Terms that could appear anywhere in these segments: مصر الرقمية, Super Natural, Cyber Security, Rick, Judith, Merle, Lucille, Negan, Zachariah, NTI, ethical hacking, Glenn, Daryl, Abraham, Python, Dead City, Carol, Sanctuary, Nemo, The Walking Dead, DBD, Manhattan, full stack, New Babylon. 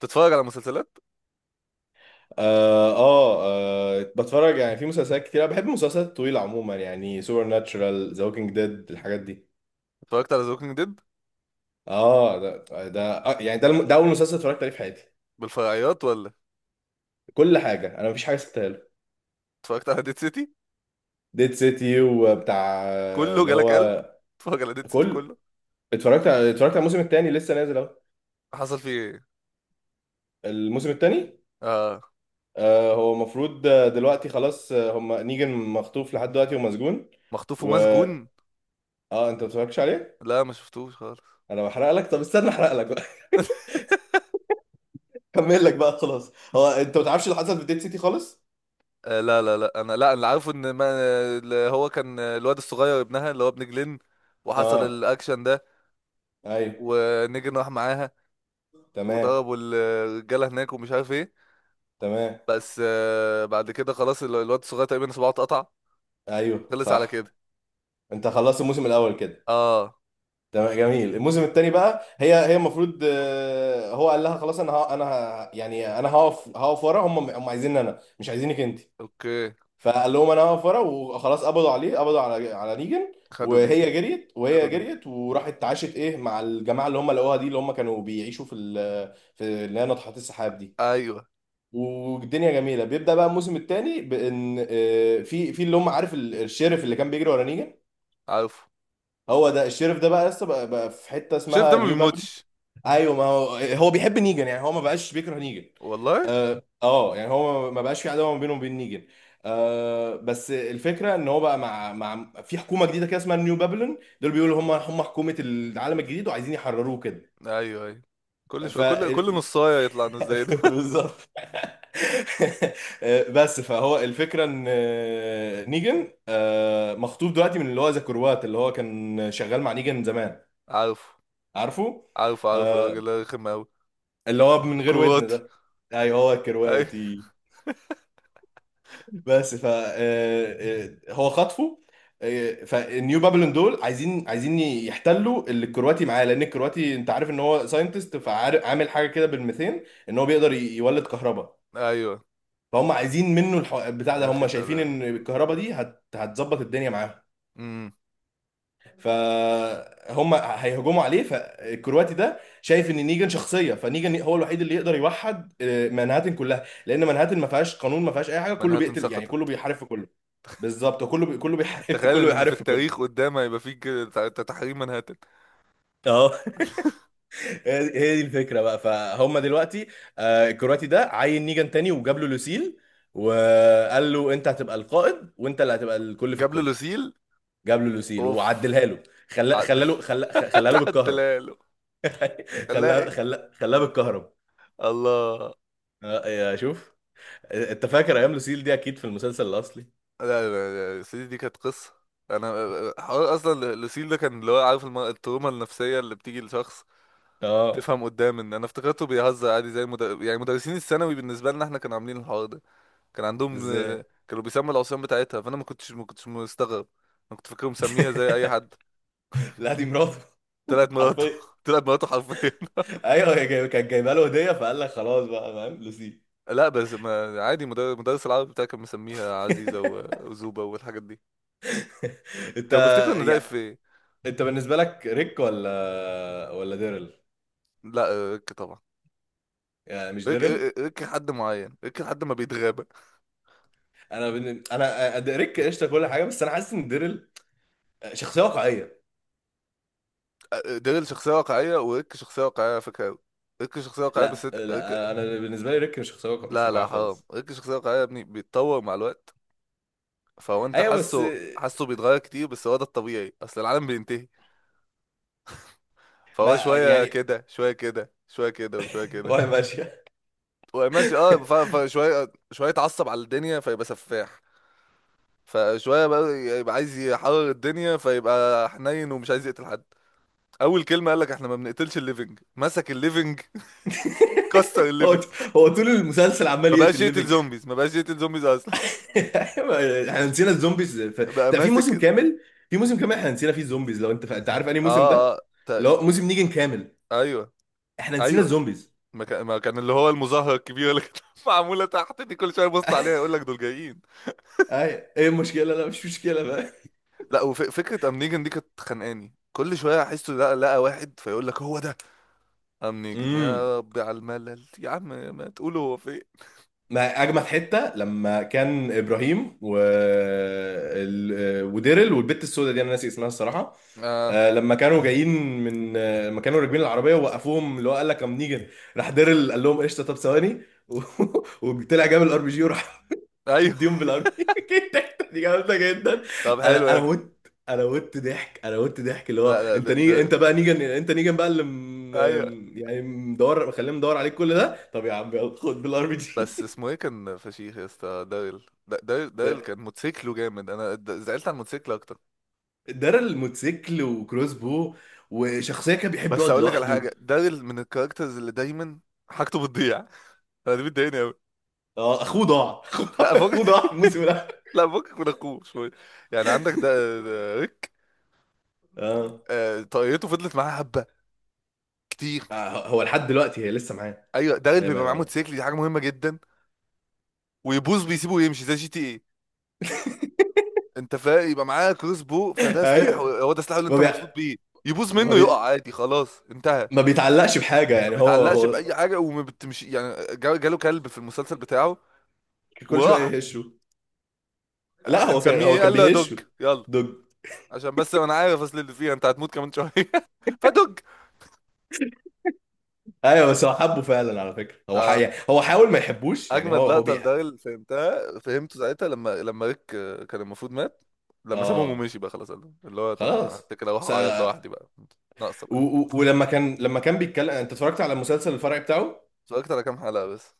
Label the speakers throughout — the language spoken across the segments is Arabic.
Speaker 1: تتفرج على مسلسلات؟
Speaker 2: آه, آه, اه بتفرج يعني في مسلسلات كتير. انا بحب المسلسلات الطويله عموما، يعني سوبر ناتشرال، ذا ووكينج ديد، الحاجات دي.
Speaker 1: اتفرجت على ذا ووكينج ديد
Speaker 2: اه ده آه يعني ده ده اول مسلسل اتفرجت عليه في حياتي.
Speaker 1: بالفرعيات ولا؟
Speaker 2: كل حاجه، انا مفيش حاجه سبتها له.
Speaker 1: اتفرجت على ديد سيتي
Speaker 2: ديد سيتي وبتاع آه،
Speaker 1: كله؟
Speaker 2: اللي
Speaker 1: جالك قلب
Speaker 2: هو
Speaker 1: اتفرج على ديد سيتي
Speaker 2: كل.
Speaker 1: كله.
Speaker 2: اتفرجت على اتفرجت على الموسم الثاني لسه نازل اهو.
Speaker 1: حصل فيه ايه؟
Speaker 2: الموسم الثاني
Speaker 1: آه.
Speaker 2: آه هو المفروض آه، دلوقتي خلاص آه، هم نيجن مخطوف لحد دلوقتي ومسجون،
Speaker 1: مخطوف
Speaker 2: و.
Speaker 1: ومسجون؟
Speaker 2: اه انت ما اتفرجتش عليه.
Speaker 1: لا ما شفتوش خالص.
Speaker 2: انا بحرق لك، طب استنى احرق لك. كمل لك بقى خلاص، هو انت ما تعرفش اللي حصل في ديد سيتي خالص.
Speaker 1: آه، لا لا لا، انا لا، اللي عارفه ان ما اللي هو كان الواد الصغير ابنها اللي هو ابن جلين وحصل
Speaker 2: اه.
Speaker 1: الاكشن ده.
Speaker 2: ايوه.
Speaker 1: ونيجن راح معاها
Speaker 2: تمام.
Speaker 1: وضربوا الرجاله هناك ومش عارف ايه.
Speaker 2: تمام.
Speaker 1: بس بعد كده خلاص الواد الصغير تقريبا صباعه اتقطع
Speaker 2: ايوه
Speaker 1: وخلص على
Speaker 2: صح.
Speaker 1: كده.
Speaker 2: انت خلصت الموسم الاول كده.
Speaker 1: اه.
Speaker 2: تمام جميل. الموسم الثاني بقى هي المفروض آه، هو قال لها خلاص انا ها انا يعني انا هقف ورا هم عايزيني انا، مش عايزينك انت.
Speaker 1: اوكي.
Speaker 2: فقال لهم انا هقف ورا وخلاص. قبضوا عليه، قبضوا على نيجن.
Speaker 1: خدوا نيجن.
Speaker 2: وهي جريت وهي
Speaker 1: خدوا نيجن.
Speaker 2: جريت وراحت اتعاشت ايه مع الجماعه اللي هم لقوها دي، اللي هم كانوا بيعيشوا في اللي هي ناطحات السحاب دي.
Speaker 1: ايوه.
Speaker 2: والدنيا جميله. بيبدا بقى الموسم الثاني، بان آه، في اللي هم عارف الشيرف اللي كان بيجري ورا نيجان.
Speaker 1: عارفه.
Speaker 2: هو ده الشيرف ده بقى لسه بقى في حته
Speaker 1: شايف ده
Speaker 2: اسمها
Speaker 1: ما
Speaker 2: نيو بابل.
Speaker 1: بيموتش؟
Speaker 2: ايوه، ما هو هو بيحب نيجان، يعني هو ما بقاش بيكره نيجان.
Speaker 1: والله.
Speaker 2: اه آه، يعني هو ما بقاش في عداوه ما بينه وبين نيجان. آه بس الفكره ان هو بقى مع في حكومه جديده كده اسمها نيو بابلون. دول بيقولوا هم حكومه العالم الجديد وعايزين يحرروه كده.
Speaker 1: ايوه ايوه. كل
Speaker 2: ف
Speaker 1: شويه كل نصايه يطلع نص زي ده.
Speaker 2: بالظبط. بس فهو الفكره ان آه، نيجن آه، مخطوب دلوقتي من اللي هو زاكروات، اللي هو كان شغال مع نيجن زمان.
Speaker 1: عارفه،
Speaker 2: عارفه
Speaker 1: عارفه، عارفه،
Speaker 2: آه،
Speaker 1: الراجل ده رخم قوي.
Speaker 2: اللي هو من غير ودن
Speaker 1: الكرواتي.
Speaker 2: ده. ايوه هو
Speaker 1: ايوه
Speaker 2: الكرواتي. بس ف آه، آه، هو خطفه. آه، فالنيو بابلون دول عايزين يحتلوا اللي الكرواتي معاه، لان الكرواتي انت عارف ان هو ساينتست، فعامل حاجه كده بالميثين ان هو بيقدر يولد كهرباء.
Speaker 1: ايوه.
Speaker 2: فهم عايزين منه بتاع ده.
Speaker 1: يا اخي
Speaker 2: هم
Speaker 1: ده
Speaker 2: شايفين ان
Speaker 1: ده
Speaker 2: الكهرباء دي هتظبط الدنيا معاهم.
Speaker 1: امم
Speaker 2: فهم هيهجموا عليه. فالكرواتي ده شايف ان نيجان شخصيه، فنيجان هو الوحيد اللي يقدر يوحد آه، منهاتن كلها، لان منهاتن ما فيهاش قانون، ما فيهاش اي حاجه، كله
Speaker 1: منهاتن
Speaker 2: بيقتل يعني،
Speaker 1: سقطت.
Speaker 2: كله بيحارب في كله. بالظبط. كله بيحارب،
Speaker 1: تخيل
Speaker 2: كله
Speaker 1: ان في
Speaker 2: بيحارب في
Speaker 1: التاريخ
Speaker 2: كله.
Speaker 1: قدام هيبقى في كده تحريم منهاتن.
Speaker 2: اه. هي دي الفكره بقى فهم دلوقتي. آه، الكرواتي ده عين نيجان تاني وجاب له لوسيل، وقال له انت هتبقى القائد، وانت اللي هتبقى الكل في
Speaker 1: جاب له
Speaker 2: الكل.
Speaker 1: لوسيل.
Speaker 2: جاب له لوسيل
Speaker 1: اوف.
Speaker 2: وعدلها له. خلا
Speaker 1: عدل.
Speaker 2: خلا له خلا خلا له بالكهرب.
Speaker 1: عدلها له. خلاها
Speaker 2: خلا
Speaker 1: ايه؟
Speaker 2: خلا خلاه بالكهرب.
Speaker 1: الله.
Speaker 2: آه، يا شوف. انت فاكر ايام لوسيل دي اكيد في المسلسل الاصلي.
Speaker 1: لا لا لا، سيدي دي كانت قصة. انا، حوار اصلا لوسيل ده كان اللي هو عارف التروما النفسية اللي بتيجي لشخص
Speaker 2: اه.
Speaker 1: تفهم قدام ان انا افتكرته بيهزر عادي زي يعني مدرسين الثانوي بالنسبة لنا احنا كانوا عاملين الحوار ده. كان عندهم،
Speaker 2: ازاي؟
Speaker 1: كانوا بيسموا العصيان بتاعتها، فانا ما كنتش مستغرب. انا كنت فاكره مسميها زي اي حد.
Speaker 2: لا دي مراته
Speaker 1: طلعت مراته.
Speaker 2: حرفيا.
Speaker 1: طلعت مراته حرفيا.
Speaker 2: ايوه، هي كانت جايبه له هديه، فقال لك خلاص بقى، فاهم لوسيل.
Speaker 1: لا بس ما عادي، مدرس العربي بتاعي كان مسميها عزيزة وزوبة والحاجات دي.
Speaker 2: انت
Speaker 1: كانوا بيفتكروا ان ده اف
Speaker 2: يا
Speaker 1: ايه.
Speaker 2: انت، بالنسبه لك ريك ولا ديرل؟
Speaker 1: لا، طبعا.
Speaker 2: يعني مش
Speaker 1: ريك
Speaker 2: ديرل.
Speaker 1: ريك ريك، حد معين ريك لحد ما بيتغاب.
Speaker 2: انا بن... انا أ- ريك قشطه كل حاجه، بس انا حاسس ان ديرل شخصيه واقعيه.
Speaker 1: ديرل شخصية واقعية وريك شخصية واقعية على فكرة أوي. ريك شخصية واقعية بس
Speaker 2: لا
Speaker 1: انت
Speaker 2: لا،
Speaker 1: ريك.
Speaker 2: انا بالنسبه لي ريك مش شخصيه، مش
Speaker 1: لا
Speaker 2: واقعيه
Speaker 1: لا، حرام،
Speaker 2: خالص.
Speaker 1: ريك شخصية واقعية يا ابني، بيتطور مع الوقت. فهو انت
Speaker 2: ايوه بس
Speaker 1: حاسه بيتغير كتير، بس هو ده الطبيعي، اصل العالم بينتهي. فهو
Speaker 2: ما
Speaker 1: شوية
Speaker 2: يعني،
Speaker 1: كده شوية كده شوية كده وشوية كده.
Speaker 2: وهي ماشيه.
Speaker 1: وماشي. اه، فشوية شوية يتعصب على الدنيا فيبقى سفاح، فشوية بقى يبقى عايز يحرر الدنيا فيبقى حنين ومش عايز يقتل حد. اول كلمة قال لك احنا ما بنقتلش الليفنج، مسك الليفنج، كسر
Speaker 2: هو
Speaker 1: الليفنج.
Speaker 2: هو طول المسلسل عمال
Speaker 1: ما بقاش
Speaker 2: يقتل
Speaker 1: يقتل
Speaker 2: ليفنج.
Speaker 1: زومبيز ما بقاش يقتل زومبيز اصلا.
Speaker 2: احنا نسينا الزومبيز
Speaker 1: بقى
Speaker 2: ده في
Speaker 1: ماسك
Speaker 2: موسم
Speaker 1: كده.
Speaker 2: كامل. في موسم كامل احنا نسينا فيه الزومبيز. لو انت انت عارف انهي
Speaker 1: اه
Speaker 2: موسم
Speaker 1: اه.
Speaker 2: ده،
Speaker 1: تا-
Speaker 2: اللي هو موسم نيجن كامل،
Speaker 1: ايوه
Speaker 2: احنا نسينا
Speaker 1: ايوه.
Speaker 2: الزومبيز.
Speaker 1: ما كان اللي هو المظاهره الكبيره اللي كانت معموله تحت دي، كل شويه يبص عليها يقول لك دول جايين.
Speaker 2: اي ايه المشكله؟ لا مش مشكله بقى.
Speaker 1: لا، وفكره ام نيجن دي كانت خانقاني، كل شويه احسه لا، لقى واحد فيقول لك هو ده ام نيجن،
Speaker 2: امم.
Speaker 1: يا ربي على الملل يا عم. ما تقولوا هو فين.
Speaker 2: ما اجمد حته لما كان ابراهيم و وديرل والبت السوداء دي، انا ناسي اسمها الصراحه،
Speaker 1: اه
Speaker 2: آه، لما كانوا جايين من آه، لما كانوا راكبين العربيه ووقفوهم، اللي هو قال لك كم نيجن. راح ديرل قال لهم قشطه، طب ثواني، و- وطلع جاب الار بي جي وراح.
Speaker 1: ايوه.
Speaker 2: مديهم بالار بي جي. دي جامده جدا.
Speaker 1: طب حلو
Speaker 2: انا
Speaker 1: يعني.
Speaker 2: مت. انا مت ضحك. اللي هو
Speaker 1: لا لا
Speaker 2: انت
Speaker 1: ده
Speaker 2: نيجن،
Speaker 1: ده
Speaker 2: انت بقى نيجن، انت نيجن بقى اللي
Speaker 1: ايوه.
Speaker 2: يعني مدور مخليهم مدور عليك كل ده، طب يا عم يلا خد بالار بي جي.
Speaker 1: بس اسمه ايه كان فشيخ يا اسطى، داريل، داريل
Speaker 2: ده
Speaker 1: كان موتوسيكله جامد، انا زعلت على الموتوسيكل اكتر.
Speaker 2: ديرل موتوسيكل وكروس بو، وشخصيه كان بيحب
Speaker 1: بس
Speaker 2: يقعد
Speaker 1: اقول لك على
Speaker 2: لوحده.
Speaker 1: حاجه، داريل من الكاركترز اللي دايما حاجته بتضيع. انا دي بتضايقني قوي.
Speaker 2: اه، اخوه ضاع، اخوه
Speaker 1: لا
Speaker 2: ضاع،
Speaker 1: فوق.
Speaker 2: اخوه ضاع الموسم.
Speaker 1: لا فوقك من اخوه شويه. يعني عندك ده ريك،
Speaker 2: اه
Speaker 1: طاقيته فضلت معاه حبه كتير.
Speaker 2: آه، هو لحد دلوقتي هي لسه معاه.
Speaker 1: ايوه داريل
Speaker 2: هي ما...
Speaker 1: بيبقى معاه
Speaker 2: ما-
Speaker 1: موتوسيكل، دي حاجه مهمه جدا. ويبوظ بيسيبه ويمشي زي جي تي ايه. انت فاهم؟ يبقى معاه كروس بو، فده سلاح،
Speaker 2: ايوه.
Speaker 1: هو ده سلاحه اللي
Speaker 2: ما
Speaker 1: انت
Speaker 2: بي...
Speaker 1: مبسوط بيه. يبوظ
Speaker 2: ما
Speaker 1: منه، يقع،
Speaker 2: بي...
Speaker 1: عادي خلاص انتهى.
Speaker 2: ما بيتعلقش بحاجه
Speaker 1: ما
Speaker 2: يعني، هو
Speaker 1: بيتعلقش
Speaker 2: هو
Speaker 1: باي حاجه وما بتمشي. يعني جاله كلب في المسلسل بتاعه،
Speaker 2: كل شويه
Speaker 1: وراح
Speaker 2: يهشه. لا، هو كان،
Speaker 1: هنسميه
Speaker 2: هو
Speaker 1: ايه؟
Speaker 2: كان
Speaker 1: قال له يا دوج
Speaker 2: بيهشه.
Speaker 1: يلا.
Speaker 2: دوج.
Speaker 1: عشان بس انا عارف اصل اللي فيها انت هتموت كمان شويه. فدوج.
Speaker 2: ايوه بس هو حبه فعلا على فكره. يعني هو حاول ما يحبوش، يعني هو
Speaker 1: اجمد
Speaker 2: هو
Speaker 1: لقطه
Speaker 2: بيها.
Speaker 1: لده اللي فهمتها، فهمته ساعتها لما ريك كان المفروض مات، لما سابهم
Speaker 2: اه
Speaker 1: ومشي بقى خلاص، اللي هو طب انا
Speaker 2: خلاص.
Speaker 1: هتكل اروح
Speaker 2: بس
Speaker 1: اعيط لوحدي بقى. ناقصه
Speaker 2: و...
Speaker 1: بقى.
Speaker 2: و... ولما كان لما كان بيتكلم، انت اتفرجت على المسلسل الفرعي بتاعه؟
Speaker 1: اتفرجت على كام حلقه بس.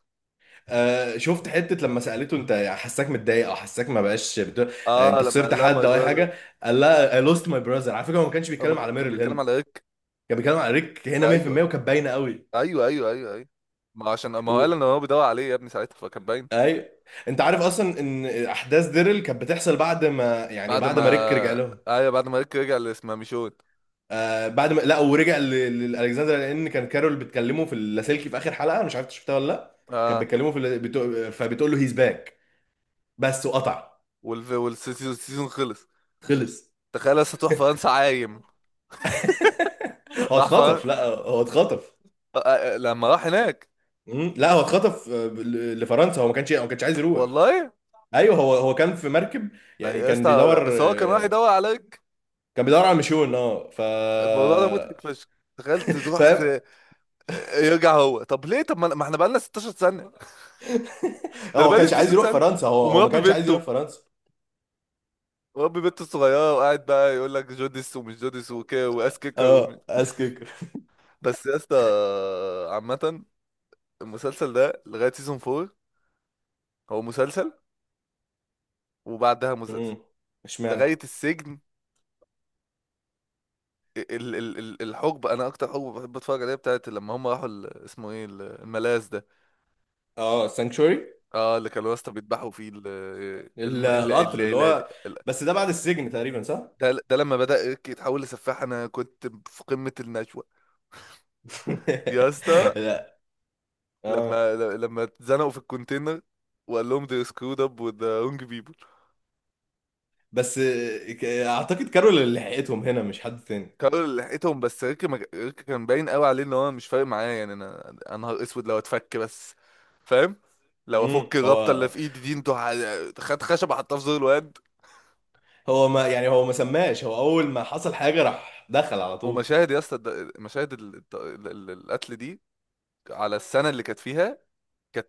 Speaker 2: آه شفت حتة لما سألته انت حساك متضايق او حساك ما بقاش آه
Speaker 1: اه
Speaker 2: انت
Speaker 1: لما
Speaker 2: خسرت
Speaker 1: قال لها
Speaker 2: حد
Speaker 1: ماي
Speaker 2: او اي
Speaker 1: براذر.
Speaker 2: حاجة. قال لها I lost my brother. على فكرة هو ما كانش
Speaker 1: اما
Speaker 2: بيتكلم على
Speaker 1: كان
Speaker 2: ميرل
Speaker 1: بيتكلم
Speaker 2: هنا،
Speaker 1: على ريك.
Speaker 2: كان بيتكلم على ريك هنا 100%،
Speaker 1: ايوه
Speaker 2: وكانت باينة قوي.
Speaker 1: ايوه ايوه ايوه ايوه. ما عشان ما هو قال
Speaker 2: و...
Speaker 1: ان هو بيدور عليه يا ابني ساعتها، فكان باين.
Speaker 2: اي انت عارف اصلا ان احداث ديرل كانت بتحصل بعد ما يعني
Speaker 1: بعد
Speaker 2: بعد
Speaker 1: ما،
Speaker 2: ما ريك رجع لهم.
Speaker 1: ايوه بعد ما ريك رجع لاسماميشون.
Speaker 2: آه بعد ما لا ورجع لالكسندر، لان كان كارول بتكلمه في اللاسلكي في اخر حلقة. انا مش عارف إنت شفتها ولا لا. كان
Speaker 1: اه.
Speaker 2: بيتكلمه في فبتقول له هيز باك. بس وقطع.
Speaker 1: والسيزون، السيزون خلص.
Speaker 2: خلص.
Speaker 1: تخيل لسه تروح فرنسا عايم.
Speaker 2: هو
Speaker 1: راح فرنسا.
Speaker 2: اتخطف، لا هو اتخطف.
Speaker 1: لما راح هناك.
Speaker 2: مم. لا هو اتخطف آه، لفرنسا. هو ما كانش عايز يروح.
Speaker 1: والله
Speaker 2: ايوه، هو هو كان في مركب. يعني
Speaker 1: يا
Speaker 2: كان
Speaker 1: اسطى
Speaker 2: بيدور
Speaker 1: بس هو كان راح
Speaker 2: آه،
Speaker 1: يدور عليك.
Speaker 2: كان بيدور على مشون. اه ف،
Speaker 1: الموضوع ده مضحك فشخ. تخيل تروح
Speaker 2: فاهم.
Speaker 1: في... يرجع هو طب ليه، طب ما احنا بقالنا 16 سنة، ده انا
Speaker 2: هو ما
Speaker 1: بقالي
Speaker 2: كانش عايز
Speaker 1: 16
Speaker 2: يروح
Speaker 1: سنة
Speaker 2: فرنسا، هو ما
Speaker 1: ومربي
Speaker 2: كانش عايز
Speaker 1: بنته،
Speaker 2: يروح فرنسا.
Speaker 1: مربي بنته الصغيرة، وقاعد بقى يقول لك جوديس ومش جوديس وكده، واس كيكر ومش...
Speaker 2: اه اسكيكر.
Speaker 1: بس يا اسطى، عامة المسلسل ده لغاية سيزون 4 هو مسلسل، وبعدها مسلسل
Speaker 2: امم. اشمعنى؟
Speaker 1: لغاية السجن. ال ال ال الحقبة، أنا أكتر حقبة بحب أتفرج عليها بتاعت لما هم راحوا اسمه إيه الملاذ ده.
Speaker 2: اه سانكشوري.
Speaker 1: أه اللي كانوا واسطة بيذبحوا فيه ال الم- ال ال
Speaker 2: القطر اللي
Speaker 1: ال
Speaker 2: هو.
Speaker 1: ال-
Speaker 2: بس ده بعد السجن تقريبا، صح.
Speaker 1: ده، ده لما بدأ إيريك يتحول لسفاح أنا كنت في قمة النشوة. يا اسطى،
Speaker 2: لا. اه
Speaker 1: لما اتزنقوا في الكونتينر وقال لهم they screwed up with the wrong people.
Speaker 2: بس آه، اعتقد كارول اللي لحقتهم هنا، مش حد تاني.
Speaker 1: كارول اللي لحقتهم، بس ريكي ريكي كان باين قوي عليه ان هو مش فارق معاه. يعني انا نهار اسود لو اتفك بس. فاهم؟ لو
Speaker 2: امم.
Speaker 1: افك الرابطه اللي
Speaker 2: هو
Speaker 1: في ايدي دي انتوا، خد خشبه حطها في زور الواد.
Speaker 2: هو ما يعني، هو ما سماش. هو اول ما حصل حاجه راح دخل على طول.
Speaker 1: ومشاهد يا اسطى مشاهد ال... الت- ال- ال- القتل دي على السنه اللي كانت فيها، كانت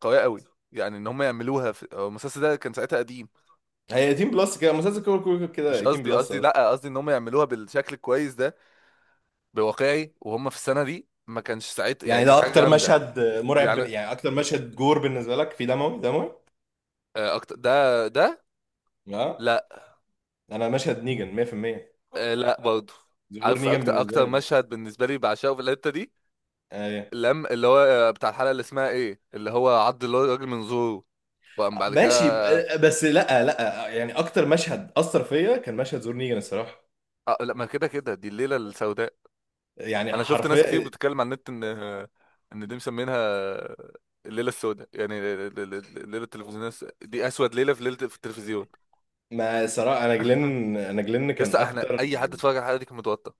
Speaker 1: قويه قوي. يعني ان هم يعملوها في، هو المسلسل ده كان ساعتها قديم.
Speaker 2: هي 18 بلس كده مسلسل، كده كده
Speaker 1: مش
Speaker 2: كده 18
Speaker 1: قصدي،
Speaker 2: بلس
Speaker 1: قصدي
Speaker 2: اصلا.
Speaker 1: لا، قصدي ان هم يعملوها بالشكل الكويس ده، بواقعي، وهم في السنه دي ما كانش ساعتها، يعني
Speaker 2: يعني ده
Speaker 1: كانت حاجه
Speaker 2: اكتر
Speaker 1: جامده.
Speaker 2: مشهد مرعب
Speaker 1: يعني
Speaker 2: يعني اكتر مشهد جور بالنسبه لك، في دموي دموي.
Speaker 1: أكتر ده.
Speaker 2: اه،
Speaker 1: لا،
Speaker 2: انا مشهد نيجان 100%،
Speaker 1: لا برضه.
Speaker 2: ظهور
Speaker 1: عارف
Speaker 2: نيجان
Speaker 1: اكتر،
Speaker 2: بالنسبه لي.
Speaker 1: مشهد بالنسبه لي بعشقه في الحته دي،
Speaker 2: ايوه
Speaker 1: لم اللي هو بتاع الحلقه اللي اسمها ايه اللي هو عض اللي هو الراجل من زوره وقام بعد
Speaker 2: ماشي
Speaker 1: كده.
Speaker 2: بس لا لا، يعني اكتر مشهد اثر فيا كان مشهد ظهور نيجان الصراحه،
Speaker 1: لا، ما كده كده، دي الليله السوداء.
Speaker 2: يعني
Speaker 1: انا شفت ناس كتير
Speaker 2: حرفيا.
Speaker 1: بتتكلم على النت ان ان دي مسمينها الليله السوداء، يعني الليله التلفزيونيه دي اسود ليله في ليله في التلفزيون.
Speaker 2: ما صراحه انا جلن، انا جلن كان
Speaker 1: يسطا احنا
Speaker 2: اكتر.
Speaker 1: اي حد اتفرج على الحلقه دي كان متوتر.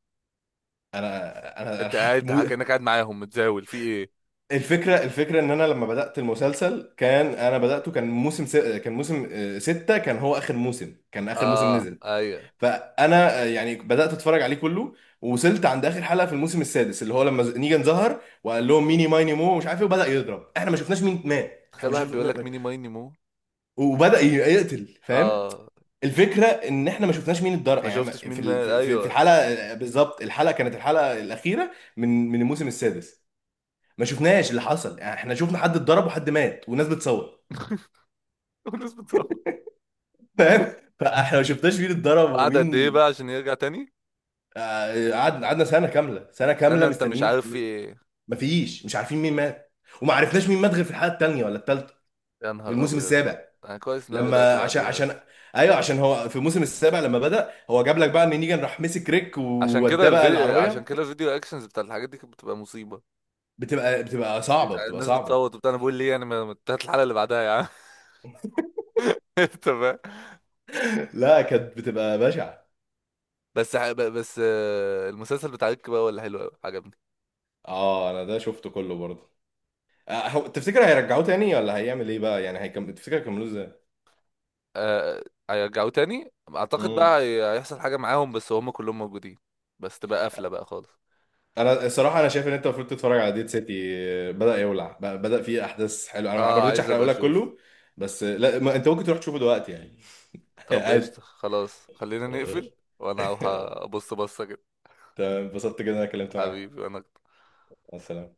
Speaker 2: انا
Speaker 1: انت قاعد
Speaker 2: هتموت.
Speaker 1: كانك قاعد معاهم، متزاول في ايه.
Speaker 2: الفكرة ان انا لما بدأت المسلسل، كان انا بدأته كان كان موسم آه، 6، كان هو اخر موسم، كان اخر موسم
Speaker 1: اه
Speaker 2: نزل.
Speaker 1: ايوه.
Speaker 2: فانا آه، يعني بدأت اتفرج عليه كله، ووصلت عند اخر حلقة في الموسم السادس، اللي هو لما نيجان ظهر وقال لهم ميني مايني مو مش عارف ايه، وبدأ يضرب. احنا ما شفناش مين مات، احنا
Speaker 1: تخيل
Speaker 2: ما
Speaker 1: واحد
Speaker 2: شفنا
Speaker 1: بيقول لك ميني ماي نيمو.
Speaker 2: وبدأ يقتل، فاهم.
Speaker 1: اه
Speaker 2: الفكرة ان احنا ما شفناش مين اتضرب
Speaker 1: ما
Speaker 2: يعني،
Speaker 1: شفتش
Speaker 2: ما-
Speaker 1: مين
Speaker 2: في ال-
Speaker 1: مال،
Speaker 2: في في- في
Speaker 1: ايوه.
Speaker 2: الحلقة آه، بالظبط الحلقة كانت الحلقة الأخيرة من من الموسم السادس. ما شفناش اللي حصل يعني، احنا شفنا حد اتضرب وحد مات والناس بتصور،
Speaker 1: والناس بتصوت.
Speaker 2: فاهم. فاحنا ما شفناش مين اتضرب
Speaker 1: وقعد قد ايه
Speaker 2: ومين.
Speaker 1: بقى عشان يرجع تاني؟
Speaker 2: آه، قعدنا سنه كامله، سنه كامله
Speaker 1: سنة انت مش
Speaker 2: مستنيين.
Speaker 1: عارف في ايه.
Speaker 2: مفيش، مش عارفين مين مات. وما عرفناش مين مات غير في الحلقه الثانية ولا الثالثة
Speaker 1: يا
Speaker 2: في
Speaker 1: نهار
Speaker 2: الموسم
Speaker 1: ابيض.
Speaker 2: السابع.
Speaker 1: انا كويس ان انا بدأت
Speaker 2: لما عشان
Speaker 1: بعديها
Speaker 2: عشان
Speaker 1: بس.
Speaker 2: ايوه، عشان هو في الموسم السابع لما بدأ، هو جاب لك بقى ان نيجان راح مسك ريك
Speaker 1: عشان
Speaker 2: ووداه
Speaker 1: كده
Speaker 2: بقى
Speaker 1: الفيديو، عشان
Speaker 2: العربيه.
Speaker 1: كده الفيديو اكشنز بتاع الحاجات دي كانت بتبقى مصيبة.
Speaker 2: بتبقى صعبه بتبقى
Speaker 1: الناس
Speaker 2: صعبه.
Speaker 1: بتصوت وبتاع، انا بقول ليه يعني، ما انتهت الحلقة اللي بعدها يا عم. تمام.
Speaker 2: لا كانت بتبقى بشعه.
Speaker 1: بس بس المسلسل بتاع ريك بقى ولا حلو قوي عجبني.
Speaker 2: اه انا ده شفته كله برضه. آه، هو تفتكر هيرجعوه تاني ولا هيعمل ايه بقى، يعني هيكمل؟ تفتكر هيكملوه ازاي؟
Speaker 1: آه، هيرجعوه تاني اعتقد
Speaker 2: امم.
Speaker 1: بقى، هيحصل حاجة معاهم بس هم كلهم موجودين. بس تبقى قافلة بقى خالص.
Speaker 2: انا الصراحه انا شايف ان انت المفروض تتفرج على ديد سيتي. آه، بدا فيه احداث حلوه. انا ما
Speaker 1: اه
Speaker 2: رضيتش
Speaker 1: عايز
Speaker 2: احرقه
Speaker 1: ابقى
Speaker 2: لك
Speaker 1: اشوف.
Speaker 2: كله. بس آه، لا ما انت ممكن تروح تشوفه دلوقتي يعني.
Speaker 1: طب
Speaker 2: عادي.
Speaker 1: قشطة خلاص خلينا
Speaker 2: آه،
Speaker 1: نقفل، وانا هروح ابص بصة كده.
Speaker 2: تمام اتبسطت جدا إن انا اتكلمت معاك.
Speaker 1: حبيبي وانا
Speaker 2: مع السلامه.